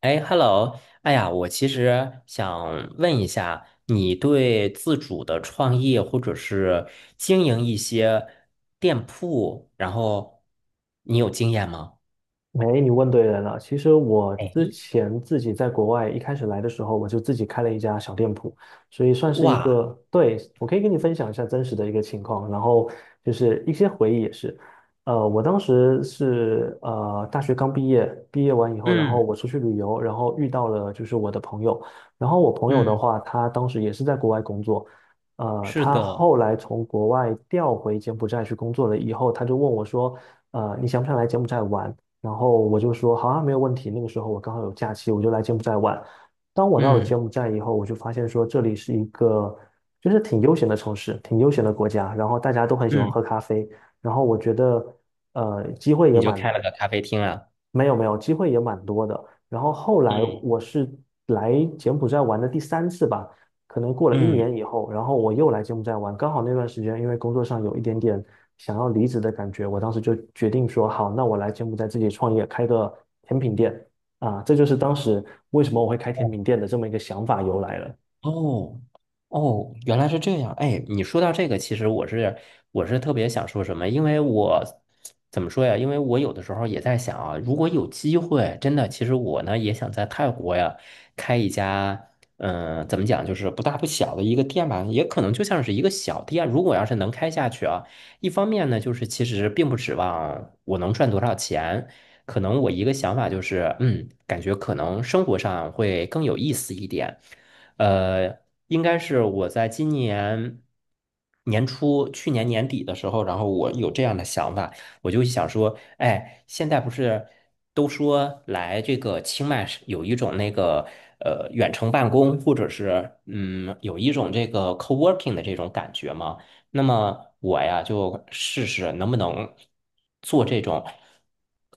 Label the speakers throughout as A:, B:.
A: 哎，Hello，哎呀，我其实想问一下，你对自主的创业或者是经营一些店铺，然后你有经验吗？
B: 哎，你问对人了。其实我
A: 哎，
B: 之前自己在国外一开始来的时候，我就自己开了一家小店铺，所以算是一
A: 哇，
B: 个，对，我可以跟你分享一下真实的一个情况，然后就是一些回忆也是。我当时是大学刚毕业，毕业完以后，然后
A: 嗯
B: 我出去旅游，然后遇到了就是我的朋友，然后我朋友的
A: 嗯，
B: 话，他当时也是在国外工作。
A: 是
B: 他
A: 的，
B: 后来从国外调回柬埔寨去工作了以后，他就问我说，你想不想来柬埔寨玩？然后我就说好啊，没有问题。那个时候我刚好有假期，我就来柬埔寨玩。当我到了柬
A: 嗯
B: 埔寨以后，我就发现说这里是一个就是挺悠闲的城市，挺悠闲的国家，然后大家都很喜欢
A: 嗯，
B: 喝咖啡，然后我觉得呃机会也
A: 你就
B: 蛮
A: 开了个咖啡厅啊？
B: 没有没有，机会也蛮多的。然后后来
A: 嗯
B: 我是来柬埔寨玩的第三次吧，可能过了一
A: 嗯，
B: 年以后，然后我又来柬埔寨玩，刚好那段时间因为工作上有一点点想要离职的感觉，我当时就决定说好，那我来柬埔寨自己创业，开个甜品店啊，这就是当时为什么我会开甜品店的这么一个想法由来了。
A: 哦哦，原来是这样。哎，你说到这个，其实我是特别想说什么，因为我怎么说呀？因为我有的时候也在想啊，如果有机会，真的，其实我呢也想在泰国呀开一家，怎么讲，就是不大不小的一个店吧，也可能就像是一个小店。如果要是能开下去啊，一方面呢，就是其实并不指望我能赚多少钱。可能我一个想法就是，感觉可能生活上会更有意思一点。呃，应该是我在今年年初、去年年底的时候，然后我有这样的想法，我就想说，哎，现在不是都说来这个清迈是有一种那个远程办公，或者是有一种这个 co-working 的这种感觉吗？那么我呀就试试能不能做这种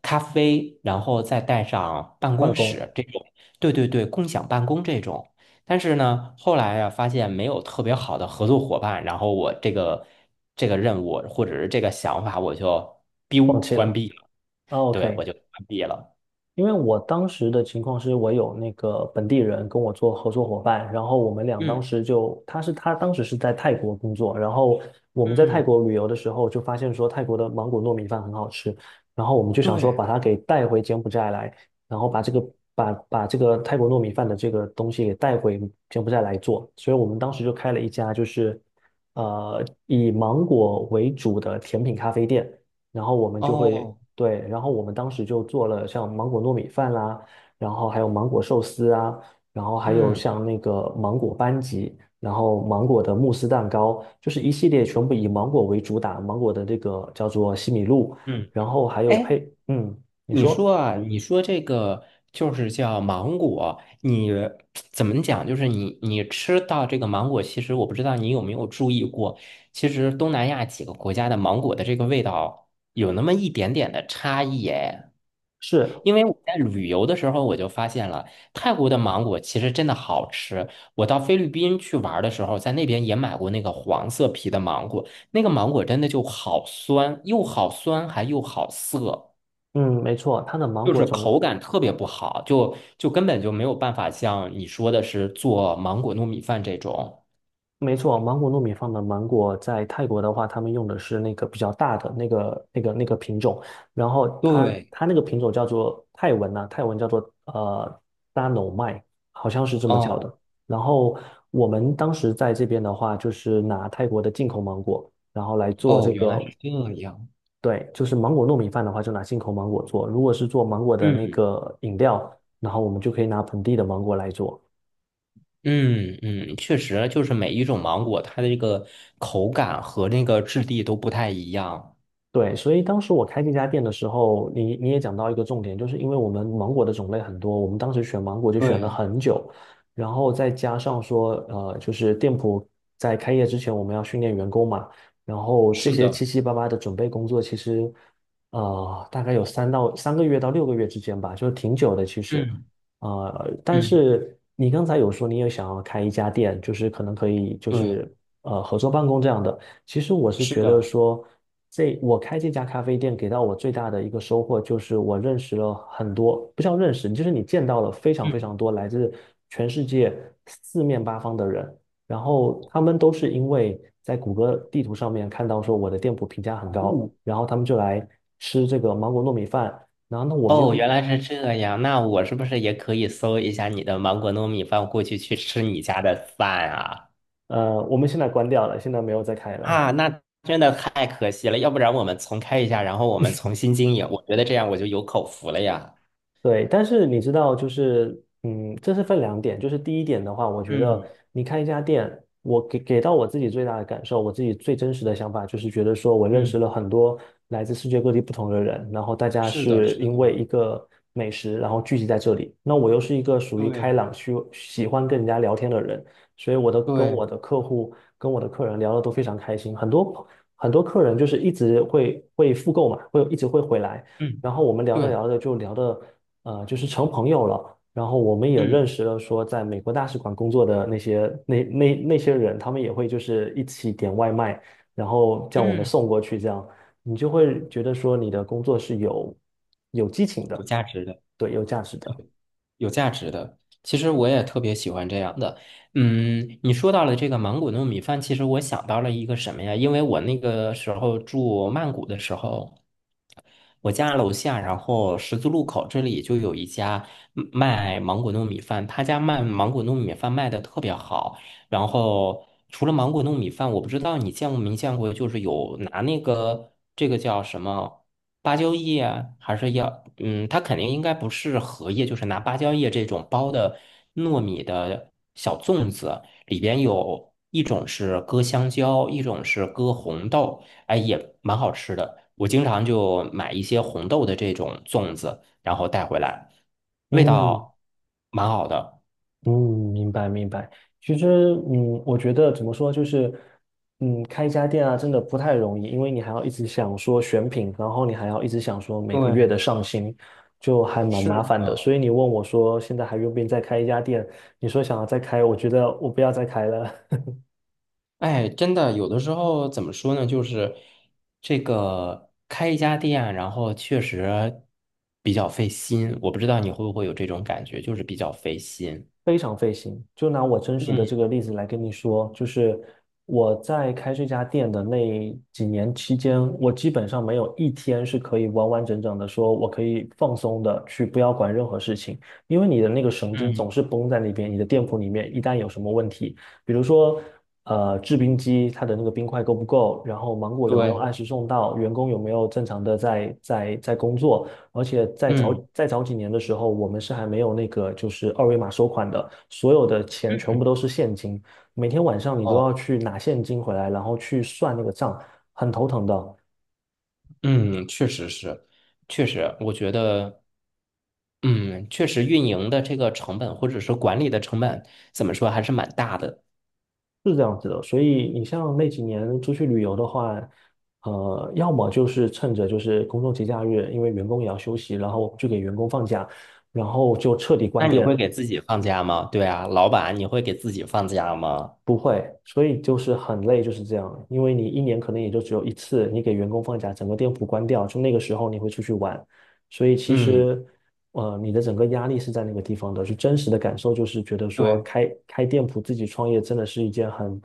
A: 咖啡，然后再带上办
B: 办
A: 公
B: 公。
A: 室这种，对对对，共享办公这种。但是呢，后来呀、发现没有特别好的合作伙伴，然后我这个任务或者是这个想法，我就
B: 放
A: biu
B: 弃
A: 关
B: 了。
A: 闭了，
B: 啊，
A: 对，我
B: OK。
A: 就关闭了。
B: 因为我当时的情况是我有那个本地人跟我做合作伙伴，然后我们俩当
A: 嗯
B: 时就，他当时是在泰国工作，然后我们在泰
A: 嗯，
B: 国旅游的时候就发现说泰国的芒果糯米饭很好吃，然后我们就想说
A: 对，
B: 把它给带回柬埔寨来，然后把这个泰国糯米饭的这个东西给带回柬埔寨来做，所以我们当时就开了一家就是以芒果为主的甜品咖啡店。然后我们就会
A: 哦，
B: 对，然后我们当时就做了像芒果糯米饭啦，然后还有芒果寿司啊，然后还有
A: 嗯
B: 像那个芒果班戟，然后芒果的慕斯蛋糕，就是一系列全部以芒果为主打，芒果的这个叫做西米露，
A: 嗯，
B: 然后还有
A: 哎，
B: 配。嗯，你
A: 你说
B: 说
A: 啊，你说这个就是叫芒果，你怎么讲？就是你吃到这个芒果，其实我不知道你有没有注意过，其实东南亚几个国家的芒果的这个味道有那么一点点的差异哎。
B: 是。
A: 因为我在旅游的时候我就发现了，泰国的芒果其实真的好吃。我到菲律宾去玩儿的时候，在那边也买过那个黄色皮的芒果，那个芒果真的就好酸，又好酸还又好涩。
B: 嗯，没错，它的芒
A: 就
B: 果
A: 是
B: 种
A: 口感特别不好，就根本就没有办法像你说的是做芒果糯米饭这种。
B: 没错，芒果糯米饭的芒果在泰国的话，他们用的是那个比较大的那个品种，然后它
A: 对，
B: 它那个品种叫做泰文叫做呃大脑麦，好像是这么叫的。
A: 哦
B: 然后我们当时在这边的话，就是拿泰国的进口芒果，然后来做
A: 哦，
B: 这
A: 原来
B: 个。
A: 是这样。
B: 对，就是芒果糯米饭的话，就拿进口芒果做；如果是做芒果的那
A: 嗯
B: 个饮料，然后我们就可以拿本地的芒果来做。
A: 嗯嗯，确实，就是每一种芒果，它的这个口感和那个质地都不太一样。
B: 对，所以当时我开这家店的时候，你也讲到一个重点，就是因为我们芒果的种类很多，我们当时选芒果就选了
A: 对，
B: 很久，然后再加上说，就是店铺在开业之前我们要训练员工嘛，然后这
A: 是
B: 些
A: 的，
B: 七七八八的准备工作，其实，大概有3个月到6个月之间吧，就是挺久的其实。
A: 嗯
B: 但
A: 嗯，
B: 是你刚才有说你也想要开一家店，就是可能可以就
A: 对，
B: 是合作办公这样的。其实我是
A: 是
B: 觉得
A: 的。
B: 说，我开这家咖啡店给到我最大的一个收获就是我认识了很多，不叫认识，就是你见到了非常非
A: 嗯，
B: 常多来自全世界四面八方的人，然后他们都是因为在谷歌地图上面看到说我的店铺评价很高，
A: 哦
B: 然后他们就来吃这个芒果糯米饭，然后那我们又
A: 哦，
B: 是
A: 原来是这样。那我是不是也可以搜一下你的芒果糯米饭，过去去吃你家的饭啊？
B: 呃，我们现在关掉了，现在没有再开了。
A: 啊，那真的太可惜了，要不然我们重开一下，然后我们重新经营，我觉得这样我就有口福了呀。
B: 对，但是你知道，就是，嗯，这是分两点。就是第一点的话，我觉得
A: 嗯
B: 你开一家店，我给到我自己最大的感受，我自己最真实的想法，就是觉得说我认识
A: 嗯，
B: 了很多来自世界各地不同的人，然后大家
A: 是的，
B: 是
A: 是
B: 因为
A: 的，
B: 一个美食，然后聚集在这里。那我又是一个属于开
A: 对
B: 朗、需喜欢跟人家聊天的人，所以跟我
A: 对，
B: 的客户、跟我的客人聊的都非常开心。很多很多客人就是一直会复购嘛，会一直会回来。
A: 嗯
B: 然后我们聊着
A: 对，
B: 聊着就聊的，就是成朋友了。然后我们也认
A: 嗯
B: 识了说在美国大使馆工作的那些人，他们也会就是一起点外卖，然后叫我们
A: 嗯，
B: 送过去，这样你就会觉得说你的工作是有激情
A: 有
B: 的。
A: 价值的，
B: 对，有价值的。
A: 有价值的。其实我也特别喜欢这样的。嗯，你说到了这个芒果糯米饭，其实我想到了一个什么呀？因为我那个时候住曼谷的时候。我家楼下，然后十字路口这里就有一家卖芒果糯米饭，他家卖芒果糯米饭卖的特别好。然后除了芒果糯米饭，我不知道你见过没见过，就是有拿那个这个叫什么芭蕉叶啊，还是要它肯定应该不是荷叶，就是拿芭蕉叶这种包的糯米的小粽子，里边有一种是搁香蕉，一种是搁红豆。哎，也蛮好吃的。我经常就买一些红豆的这种粽子，然后带回来，味
B: 嗯。
A: 道蛮好的。
B: 嗯，明白明白。其实，我觉得怎么说，就是，开一家店啊，真的不太容易，因为你还要一直想说选品，然后你还要一直想说每个月
A: 对，
B: 的上新，就还蛮
A: 是
B: 麻烦的。所以
A: 的，
B: 你问我说，现在还愿不愿意再开一家店？你说想要再开，我觉得我不要再开了。
A: 哎，真的，有的时候怎么说呢，就是这个开一家店啊，然后确实比较费心。我不知道你会不会有这种感觉，就是比较费心。
B: 非常费心。就拿我真实的这
A: 嗯，
B: 个例子来跟你说，就是我在开这家店的那几年期间，我基本上没有一天是可以完完整整的说我可以放松的去不要管任何事情，因为你的那个神经
A: 嗯
B: 总是绷在那边。你的店铺里面一旦有什么问题，比如说，制冰机它的那个冰块够不够？然后芒果有没有
A: 对，
B: 按时送到？员工有没有正常的在工作？而且
A: 嗯
B: 在早几年的时候，我们是还没有那个就是二维码收款的，所有的钱全部都是现金，每天晚上你都要
A: 哦，
B: 去拿现金回来，然后去算那个账，很头疼的。
A: 嗯，确实是，确实，我觉得。嗯，确实运营的这个成本或者是管理的成本，怎么说还是蛮大的。
B: 是这样子的，所以你像那几年出去旅游的话，要么就是趁着就是公众节假日，因为员工也要休息，然后就给员工放假，然后就彻底
A: 那
B: 关
A: 你会
B: 店。
A: 给自己放假吗？对啊，老板，你会给自己放假吗？
B: 不会，所以就是很累，就是这样。因为你一年可能也就只有一次，你给员工放假，整个店铺关掉，就那个时候你会出去玩，所以其
A: 嗯，
B: 实，你的整个压力是在那个地方的。就真实的感受就是觉得说
A: 对，
B: 开店铺自己创业真的是一件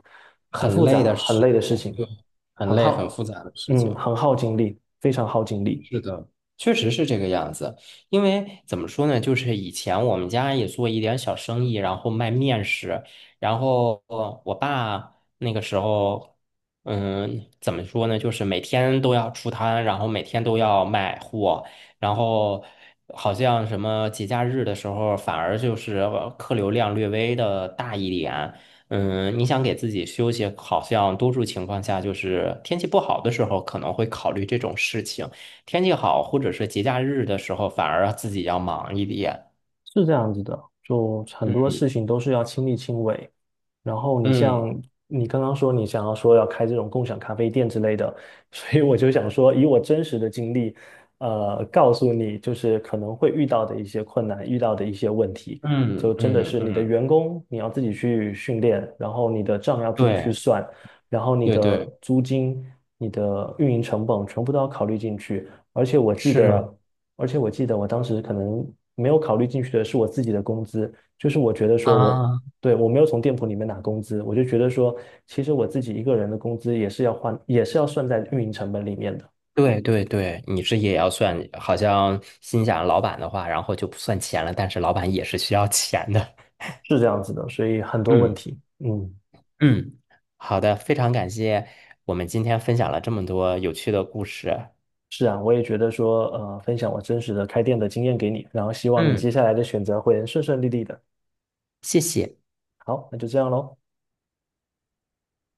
B: 很
A: 很
B: 复
A: 累
B: 杂、
A: 的
B: 很
A: 事
B: 累的事
A: 情，
B: 情，
A: 对，很
B: 很
A: 累很复
B: 耗，
A: 杂的事情。
B: 很耗精力，非常耗精力。
A: 是的，确实是这个样子，因为怎么说呢，就是以前我们家也做一点小生意，然后卖面食，然后我爸那个时候，怎么说呢，就是每天都要出摊，然后每天都要卖货，然后好像什么节假日的时候，反而就是客流量略微的大一点。嗯，你想给自己休息，好像多数情况下就是天气不好的时候可能会考虑这种事情。天气好或者是节假日的时候，反而自己要忙一点。
B: 是这样子的，就很多
A: 嗯
B: 事情都是要亲力亲为。然后你
A: 嗯
B: 像你刚刚说你想要说要开这种共享咖啡店之类的，所以我就想说以我真实的经历，告诉你就是可能会遇到的一些困难，遇到的一些问题，就
A: 嗯
B: 真的
A: 嗯
B: 是你的
A: 嗯，
B: 员工你要自己去训练，然后你的账要自己去
A: 对
B: 算，然后你
A: 对
B: 的
A: 对，
B: 租金、你的运营成本全部都要考虑进去。
A: 是
B: 而且我记得我当时可能没有考虑进去的是我自己的工资，就是我觉得说我，
A: 啊，
B: 对，我没有从店铺里面拿工资，我就觉得说，其实我自己一个人的工资也是要换，也是要算在运营成本里面的，
A: 对对对，你是也要算，好像心想老板的话，然后就不算钱了，但是老板也是需要钱的。
B: 是这样子的，所以很多问
A: 嗯
B: 题。嗯，
A: 嗯，好的，非常感谢我们今天分享了这么多有趣的故事。
B: 是啊，我也觉得说，分享我真实的开店的经验给你，然后希望你
A: 嗯，
B: 接下来的选择会顺顺利利的。
A: 谢谢。
B: 好，那就这样喽。